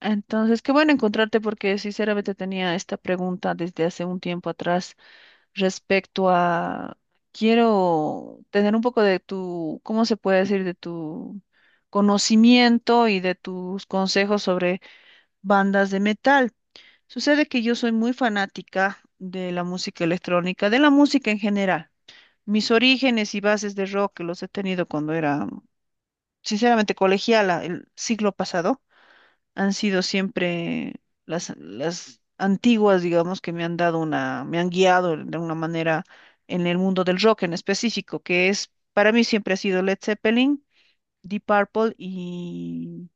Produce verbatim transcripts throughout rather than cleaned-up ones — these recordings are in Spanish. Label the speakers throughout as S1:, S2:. S1: Entonces, qué bueno encontrarte porque sinceramente tenía esta pregunta desde hace un tiempo atrás respecto a, quiero tener un poco de tu, ¿cómo se puede decir? De tu conocimiento y de tus consejos sobre bandas de metal. Sucede que yo soy muy fanática de la música electrónica, de la música en general. Mis orígenes y bases de rock los he tenido cuando era, sinceramente, colegiala el siglo pasado han sido siempre las, las antiguas, digamos, que me han dado una, me han guiado de una manera en el mundo del rock en específico, que es, para mí siempre ha sido Led Zeppelin, Deep Purple y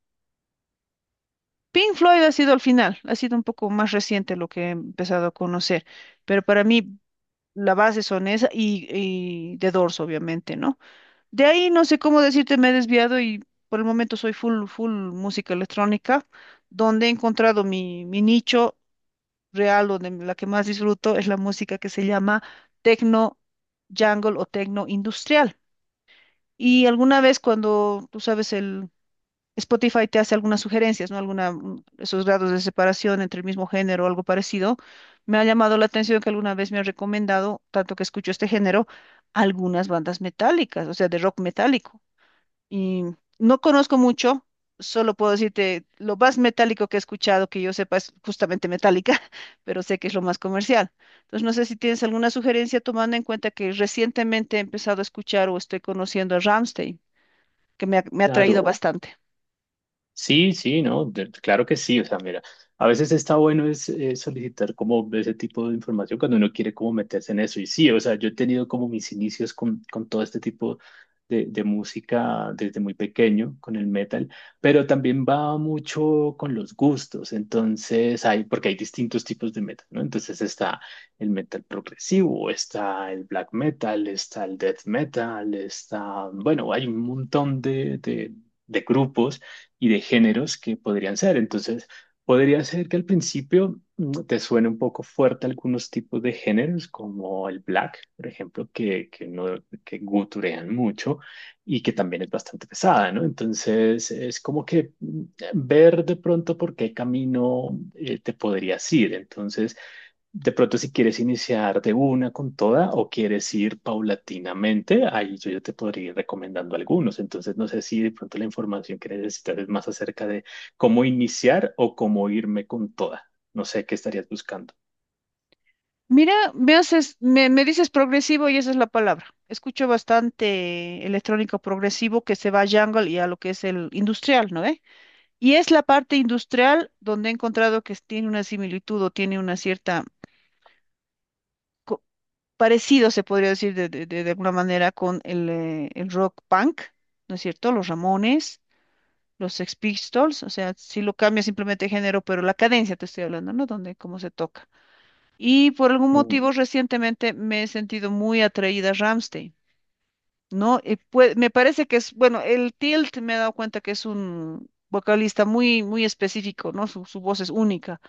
S1: Pink Floyd ha sido al final, ha sido un poco más reciente lo que he empezado a conocer, pero para mí la base son esa y, y The Doors, obviamente, ¿no? De ahí no sé cómo decirte, me he desviado y por el momento soy full, full música electrónica, donde he encontrado mi, mi nicho real, donde la que más disfruto es la música que se llama techno jungle o techno industrial. Y alguna vez cuando, tú sabes, el Spotify te hace algunas sugerencias, ¿no? Alguna, mm, esos grados de separación entre el mismo género o algo parecido, me ha llamado la atención que alguna vez me han recomendado, tanto que escucho este género, algunas bandas metálicas, o sea, de rock metálico. Y no conozco mucho, solo puedo decirte, lo más metálico que he escuchado, que yo sepa, es justamente metálica, pero sé que es lo más comercial. Entonces, no sé si tienes alguna sugerencia tomando en cuenta que recientemente he empezado a escuchar o estoy conociendo a Rammstein, que me ha, me ha atraído
S2: Claro,
S1: bastante.
S2: sí, sí, no, de- claro que sí, o sea, mira, a veces está bueno es eh, solicitar como ese tipo de información cuando uno quiere como meterse en eso, y sí, o sea, yo he tenido como mis inicios con, con todo este tipo de, de música desde muy pequeño, con el metal, pero también va mucho con los gustos, entonces hay, porque hay distintos tipos de metal, ¿no? Entonces está el metal progresivo, está el black metal, está el death metal, está, bueno, hay un montón de de- de grupos y de géneros que podrían ser. Entonces, podría ser que al principio mm, te suene un poco fuerte algunos tipos de géneros, como el black, por ejemplo, que, que, no, que guturean mucho y que también es bastante pesada, ¿no? Entonces, es como que mm, ver de pronto por qué camino eh, te podrías ir. Entonces, de pronto, si quieres iniciar de una con toda o quieres ir paulatinamente, ahí yo ya te podría ir recomendando algunos. Entonces, no sé si de pronto la información que necesitas es más acerca de cómo iniciar o cómo irme con toda. No sé qué estarías buscando.
S1: Mira, me haces, me, me dices progresivo y esa es la palabra. Escucho bastante electrónico progresivo que se va a jungle y a lo que es el industrial, ¿no? eh Y es la parte industrial donde he encontrado que tiene una similitud o tiene una cierta co- parecido, se podría decir de, de- de- de alguna manera, con el, eh, el rock punk, ¿no es cierto? Los Ramones, los Sex Pistols, o sea, si lo cambia simplemente de género, pero la cadencia te estoy hablando, ¿no? Donde, cómo se toca. Y por algún motivo recientemente me he sentido muy atraída a Rammstein, ¿no? Y pue- me parece que es, bueno, el Tilt me he dado cuenta que es un vocalista muy, muy específico, ¿no? Su, su voz es única.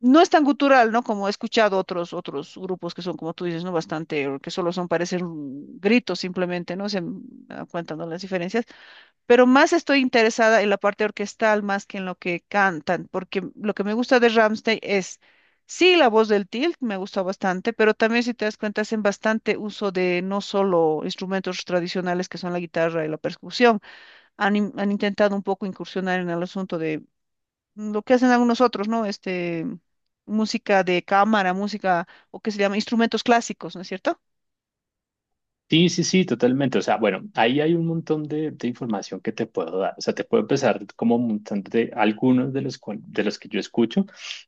S1: No es tan gutural, ¿no? Como he escuchado otros, otros grupos que son, como tú dices, ¿no? Bastante, o que solo son, parecen gritos simplemente, ¿no? Se m- me dan cuenta, ¿no? Las diferencias. Pero más estoy interesada en la parte orquestal más que en lo que cantan, porque lo que me gusta de Rammstein es, sí, la voz del tilt me gusta bastante, pero también, si te das cuenta, hacen bastante uso de no solo instrumentos tradicionales que son la guitarra y la percusión, han, in- han intentado un poco incursionar en el asunto de lo que hacen algunos otros, ¿no? Este, música de cámara, música, o que se llama instrumentos clásicos, ¿no es cierto?
S2: Sí, sí, sí, totalmente. O sea, bueno, ahí hay un montón de, de información que te puedo dar. O sea, te puedo empezar como un montón de algunos de los, cual- de los que yo escucho,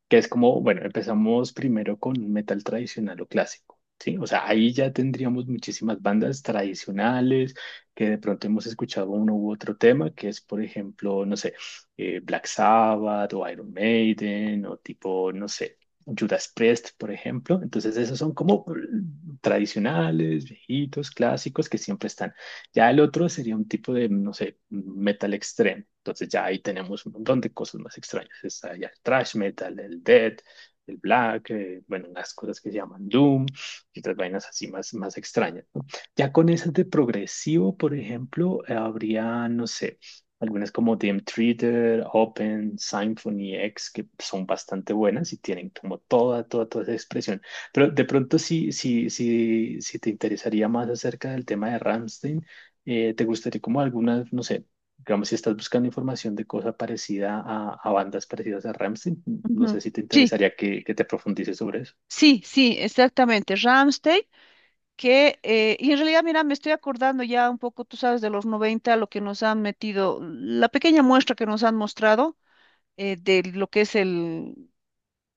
S2: que es como, bueno, empezamos primero con metal tradicional o clásico, ¿sí? O sea, ahí ya tendríamos muchísimas bandas tradicionales que de pronto hemos escuchado uno u otro tema, que es, por ejemplo, no sé, eh, Black Sabbath o Iron Maiden o tipo, no sé. Judas Priest, por ejemplo. Entonces, esos son como tradicionales, viejitos, clásicos que siempre están. Ya el otro sería un tipo de, no sé, metal extremo. Entonces, ya ahí tenemos un montón de cosas más extrañas. Está ya el thrash metal, el death, el black, eh, bueno, las cosas que se llaman doom y otras vainas así más, más extrañas, ¿no? Ya con esas de progresivo, por ejemplo, eh, habría, no sé algunas como D M Theater, Open, Symphony X, que son bastante buenas y tienen como toda, toda, toda esa expresión. Pero de pronto, si, si, si, si te interesaría más acerca del tema de Rammstein, eh, te gustaría como algunas, no sé, digamos, si estás buscando información de cosa parecida a, a bandas parecidas a Rammstein, no
S1: Ujú.
S2: sé si te
S1: Sí,
S2: interesaría que, que te profundices sobre eso.
S1: sí, sí, exactamente. Rammstein, que, eh, y en realidad, mira, me estoy acordando ya un poco, tú sabes, de los noventa, lo que nos han metido, la pequeña muestra que nos han mostrado. eh, de lo que es el...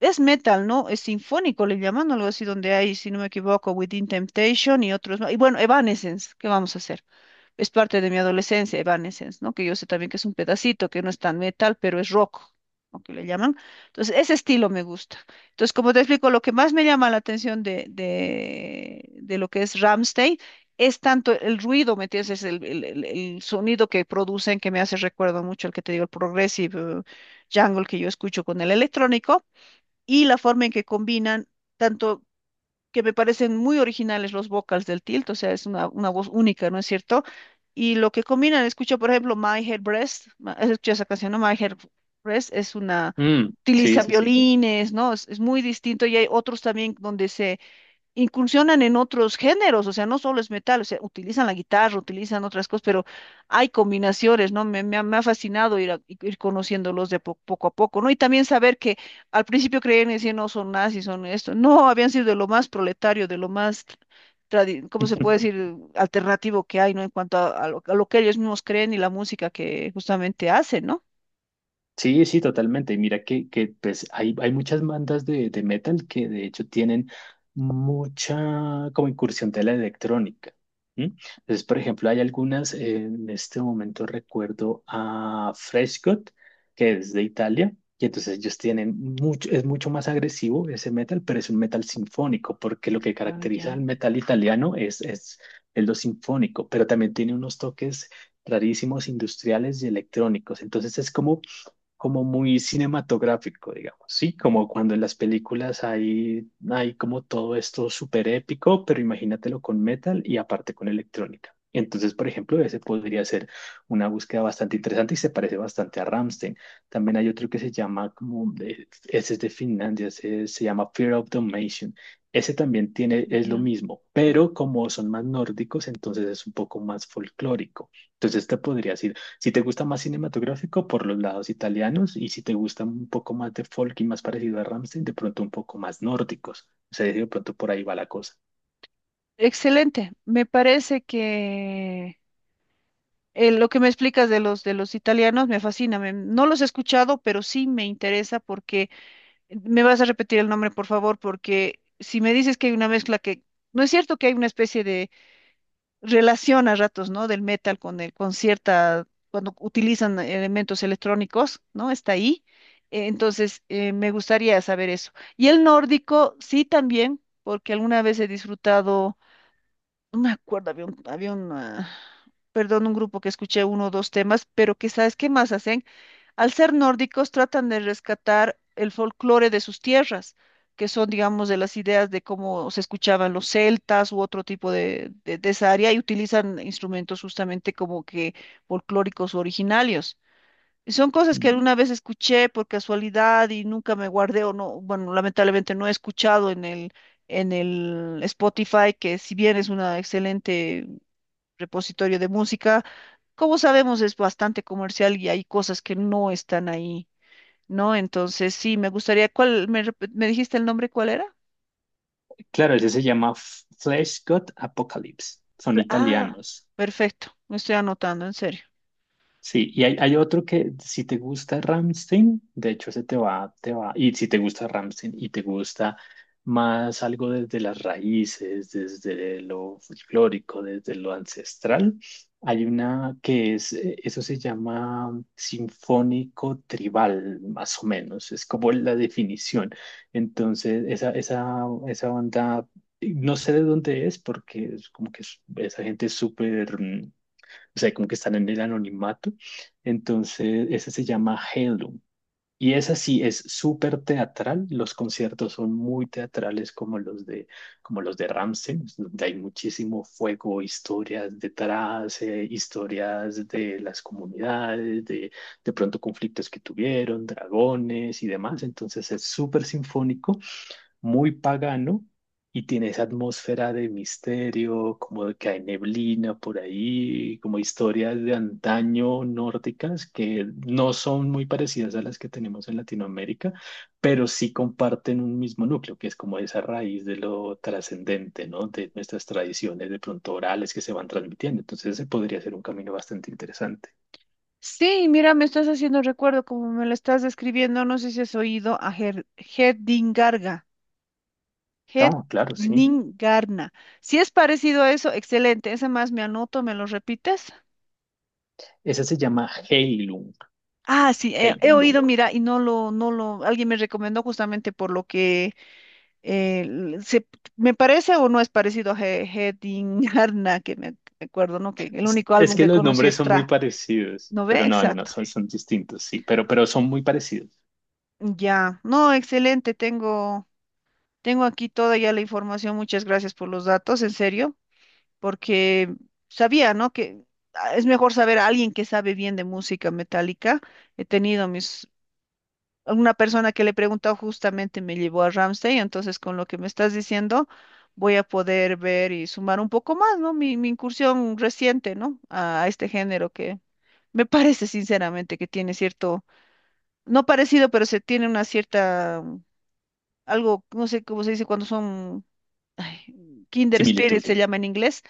S1: Es metal, ¿no? Es sinfónico, le llaman algo así, donde hay, si no me equivoco, Within Temptation y otros más. Y bueno, Evanescence, ¿qué vamos a hacer? Es parte de mi adolescencia, Evanescence, ¿no? Que yo sé también que es un pedacito, que no es tan metal, pero es rock, ¿no? que le llaman. Entonces, ese estilo me gusta. Entonces, como te explico, lo que más me llama la atención de, de, de lo que es Ramstein es tanto el ruido, ¿me entiendes? Es el, el, el- el sonido que producen que me hace recuerdo mucho el que te digo, el progressive eh, jungle que yo escucho con el electrónico y la forma en que combinan tanto que me parecen muy originales los vocals del Tilt, o sea, es una, una voz única, ¿no es cierto? Y lo que combinan, escucho por ejemplo My Head Breast, ma- has escuchado esa canción, ¿no? My Head Breast es una,
S2: Mm, sí,
S1: utiliza
S2: sí, sí.
S1: violines, ¿no? Es, es muy distinto y hay otros también donde se incursionan en otros géneros, o sea, no solo es metal, o sea, utilizan la guitarra, utilizan otras cosas, pero hay combinaciones, ¿no? Me, me ha me ha fascinado ir, a- ir conociéndolos de po- poco a poco, ¿no? Y también saber que al principio creían y decían, no, son nazis, son esto, no, habían sido de lo más proletario, de lo más, tradi- ¿cómo se puede decir?, alternativo que hay, ¿no? En cuanto a, a lo, a lo que ellos mismos creen y la música que justamente hacen, ¿no?
S2: Sí, sí, totalmente. Y mira que, que pues hay, hay muchas bandas de, de metal que de hecho tienen mucha como incursión de la electrónica. ¿M? Entonces, por ejemplo, hay algunas, eh, en este momento recuerdo a Freshgod, que es de Italia, y entonces ellos tienen mucho, es mucho más agresivo ese metal, pero es un metal sinfónico, porque lo
S1: Ex-
S2: que
S1: ah,
S2: caracteriza
S1: ya,
S2: al metal italiano es, es el lo sinfónico, pero también tiene unos toques rarísimos industriales y electrónicos. Entonces es como como muy cinematográfico, digamos, ¿sí? Como cuando en las películas hay, hay como todo esto súper épico, pero imagínatelo con metal y aparte con electrónica. Entonces, por ejemplo, ese podría ser una búsqueda bastante interesante y se parece bastante a Rammstein. También hay otro que se llama como, de- ese es de Finlandia, ese se llama Fear of Domination. Ese también tiene, es lo
S1: ya.
S2: mismo, pero como son más nórdicos, entonces es un poco más folclórico. Entonces te podrías ir si te gusta más cinematográfico, por los lados italianos, y si te gusta un poco más de folk y más parecido a Rammstein, de pronto un poco más nórdicos. O sea, de pronto por ahí va la cosa.
S1: Excelente, me parece que... Eh, lo que me explicas de los de los italianos me fascina. Me- no los he escuchado, pero sí me interesa porque me vas a repetir el nombre, por favor, porque si me dices que hay una mezcla que no es cierto que hay una especie de relación a ratos, ¿no? Del metal con el con cierta cuando utilizan elementos electrónicos, ¿no? Está ahí. Eh, entonces eh, me gustaría saber eso. Y el nórdico sí también, porque alguna vez he disfrutado no me acuerdo, había un, había un, ah, perdón, un grupo que escuché uno o dos temas, pero que sabes qué más hacen. Al ser nórdicos, tratan de rescatar el folclore de sus tierras, que son, digamos, de las ideas de cómo se escuchaban los celtas u otro tipo de, de, de esa área, y utilizan instrumentos justamente como que folclóricos originarios. Son cosas que
S2: Mm.
S1: alguna vez escuché por casualidad y nunca me guardé o no, bueno, lamentablemente no he escuchado en el, en el Spotify, que si bien es un excelente repositorio de música, como sabemos es bastante comercial y hay cosas que no están ahí, ¿no? Entonces sí, me gustaría, ¿cuál, me, rep- me dijiste el nombre, cuál era?
S2: Claro, ese se llama F- Flesh God Apocalypse. Son
S1: Pla- Ah,
S2: italianos.
S1: perfecto, me estoy anotando, en serio.
S2: Sí, y hay, hay otro que si te gusta Ramstein, de hecho ese te va, te va, y si te gusta Ramstein y te gusta más algo desde las raíces, desde lo folclórico, desde lo ancestral, hay una que es, eh, eso se llama sinfónico tribal, más o menos, es como la definición. Entonces, esa, esa, esa banda, eh, no sé de dónde es, porque es como que es- esa gente es súper... mm, o sea, como que están en el anonimato. Entonces, esa se llama Heirloom. Y esa sí es súper teatral. Los conciertos son muy teatrales como los de, como los de Rammstein, donde hay muchísimo fuego, historias detrás, eh, historias de las comunidades, de, de pronto conflictos que tuvieron, dragones y demás. Entonces es súper sinfónico muy pagano y tiene esa atmósfera de misterio, como de que hay neblina por ahí, como historias de antaño nórdicas que no son muy parecidas a las que tenemos en Latinoamérica, pero sí comparten un mismo núcleo, que es como esa raíz de lo trascendente, ¿no? De nuestras tradiciones de pronto orales que se van transmitiendo. Entonces, ese podría ser un camino bastante interesante.
S1: Sí, mira, me estás haciendo recuerdo, como me lo estás describiendo, no sé si has oído a Ger- Garga. Het
S2: No, claro, sí.
S1: Ningarna. Si es parecido a eso, excelente. Esa más me anoto, ¿me lo repites?
S2: Esa se llama Heilung.
S1: Ah, sí, he, he
S2: Heilung.
S1: oído, mira, y no lo, no lo, alguien me recomendó justamente por lo que eh, l- se, me parece o no es parecido a He- Hedingarna, que me, me acuerdo, ¿no? Que el
S2: Es
S1: único
S2: es
S1: álbum
S2: que
S1: que
S2: los
S1: conocí
S2: nombres
S1: es
S2: son muy
S1: Tra,
S2: parecidos,
S1: ¿no ve?
S2: pero no, no, no,
S1: Exacto.
S2: son, son distintos, sí, pero, pero son muy parecidos.
S1: Ya, no, excelente, tengo, tengo aquí toda ya la información, muchas gracias por los datos, en serio. Porque sabía, ¿no? Que ah, es mejor saber a alguien que sabe bien de música metálica. He tenido mis... Una persona que le he preguntado justamente me llevó a Ramsey, entonces con lo que me estás diciendo voy a poder ver y sumar un poco más, ¿no? Mi, mi incursión reciente, ¿no? A, a este género que me parece sinceramente que tiene cierto, no parecido, pero se tiene una cierta, algo, no sé cómo se dice cuando son, ay, Kinder
S2: Similitud.
S1: Spirit se llama en inglés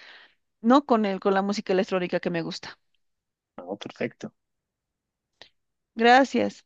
S1: no con el, con la música electrónica que me gusta.
S2: No, perfecto.
S1: Gracias.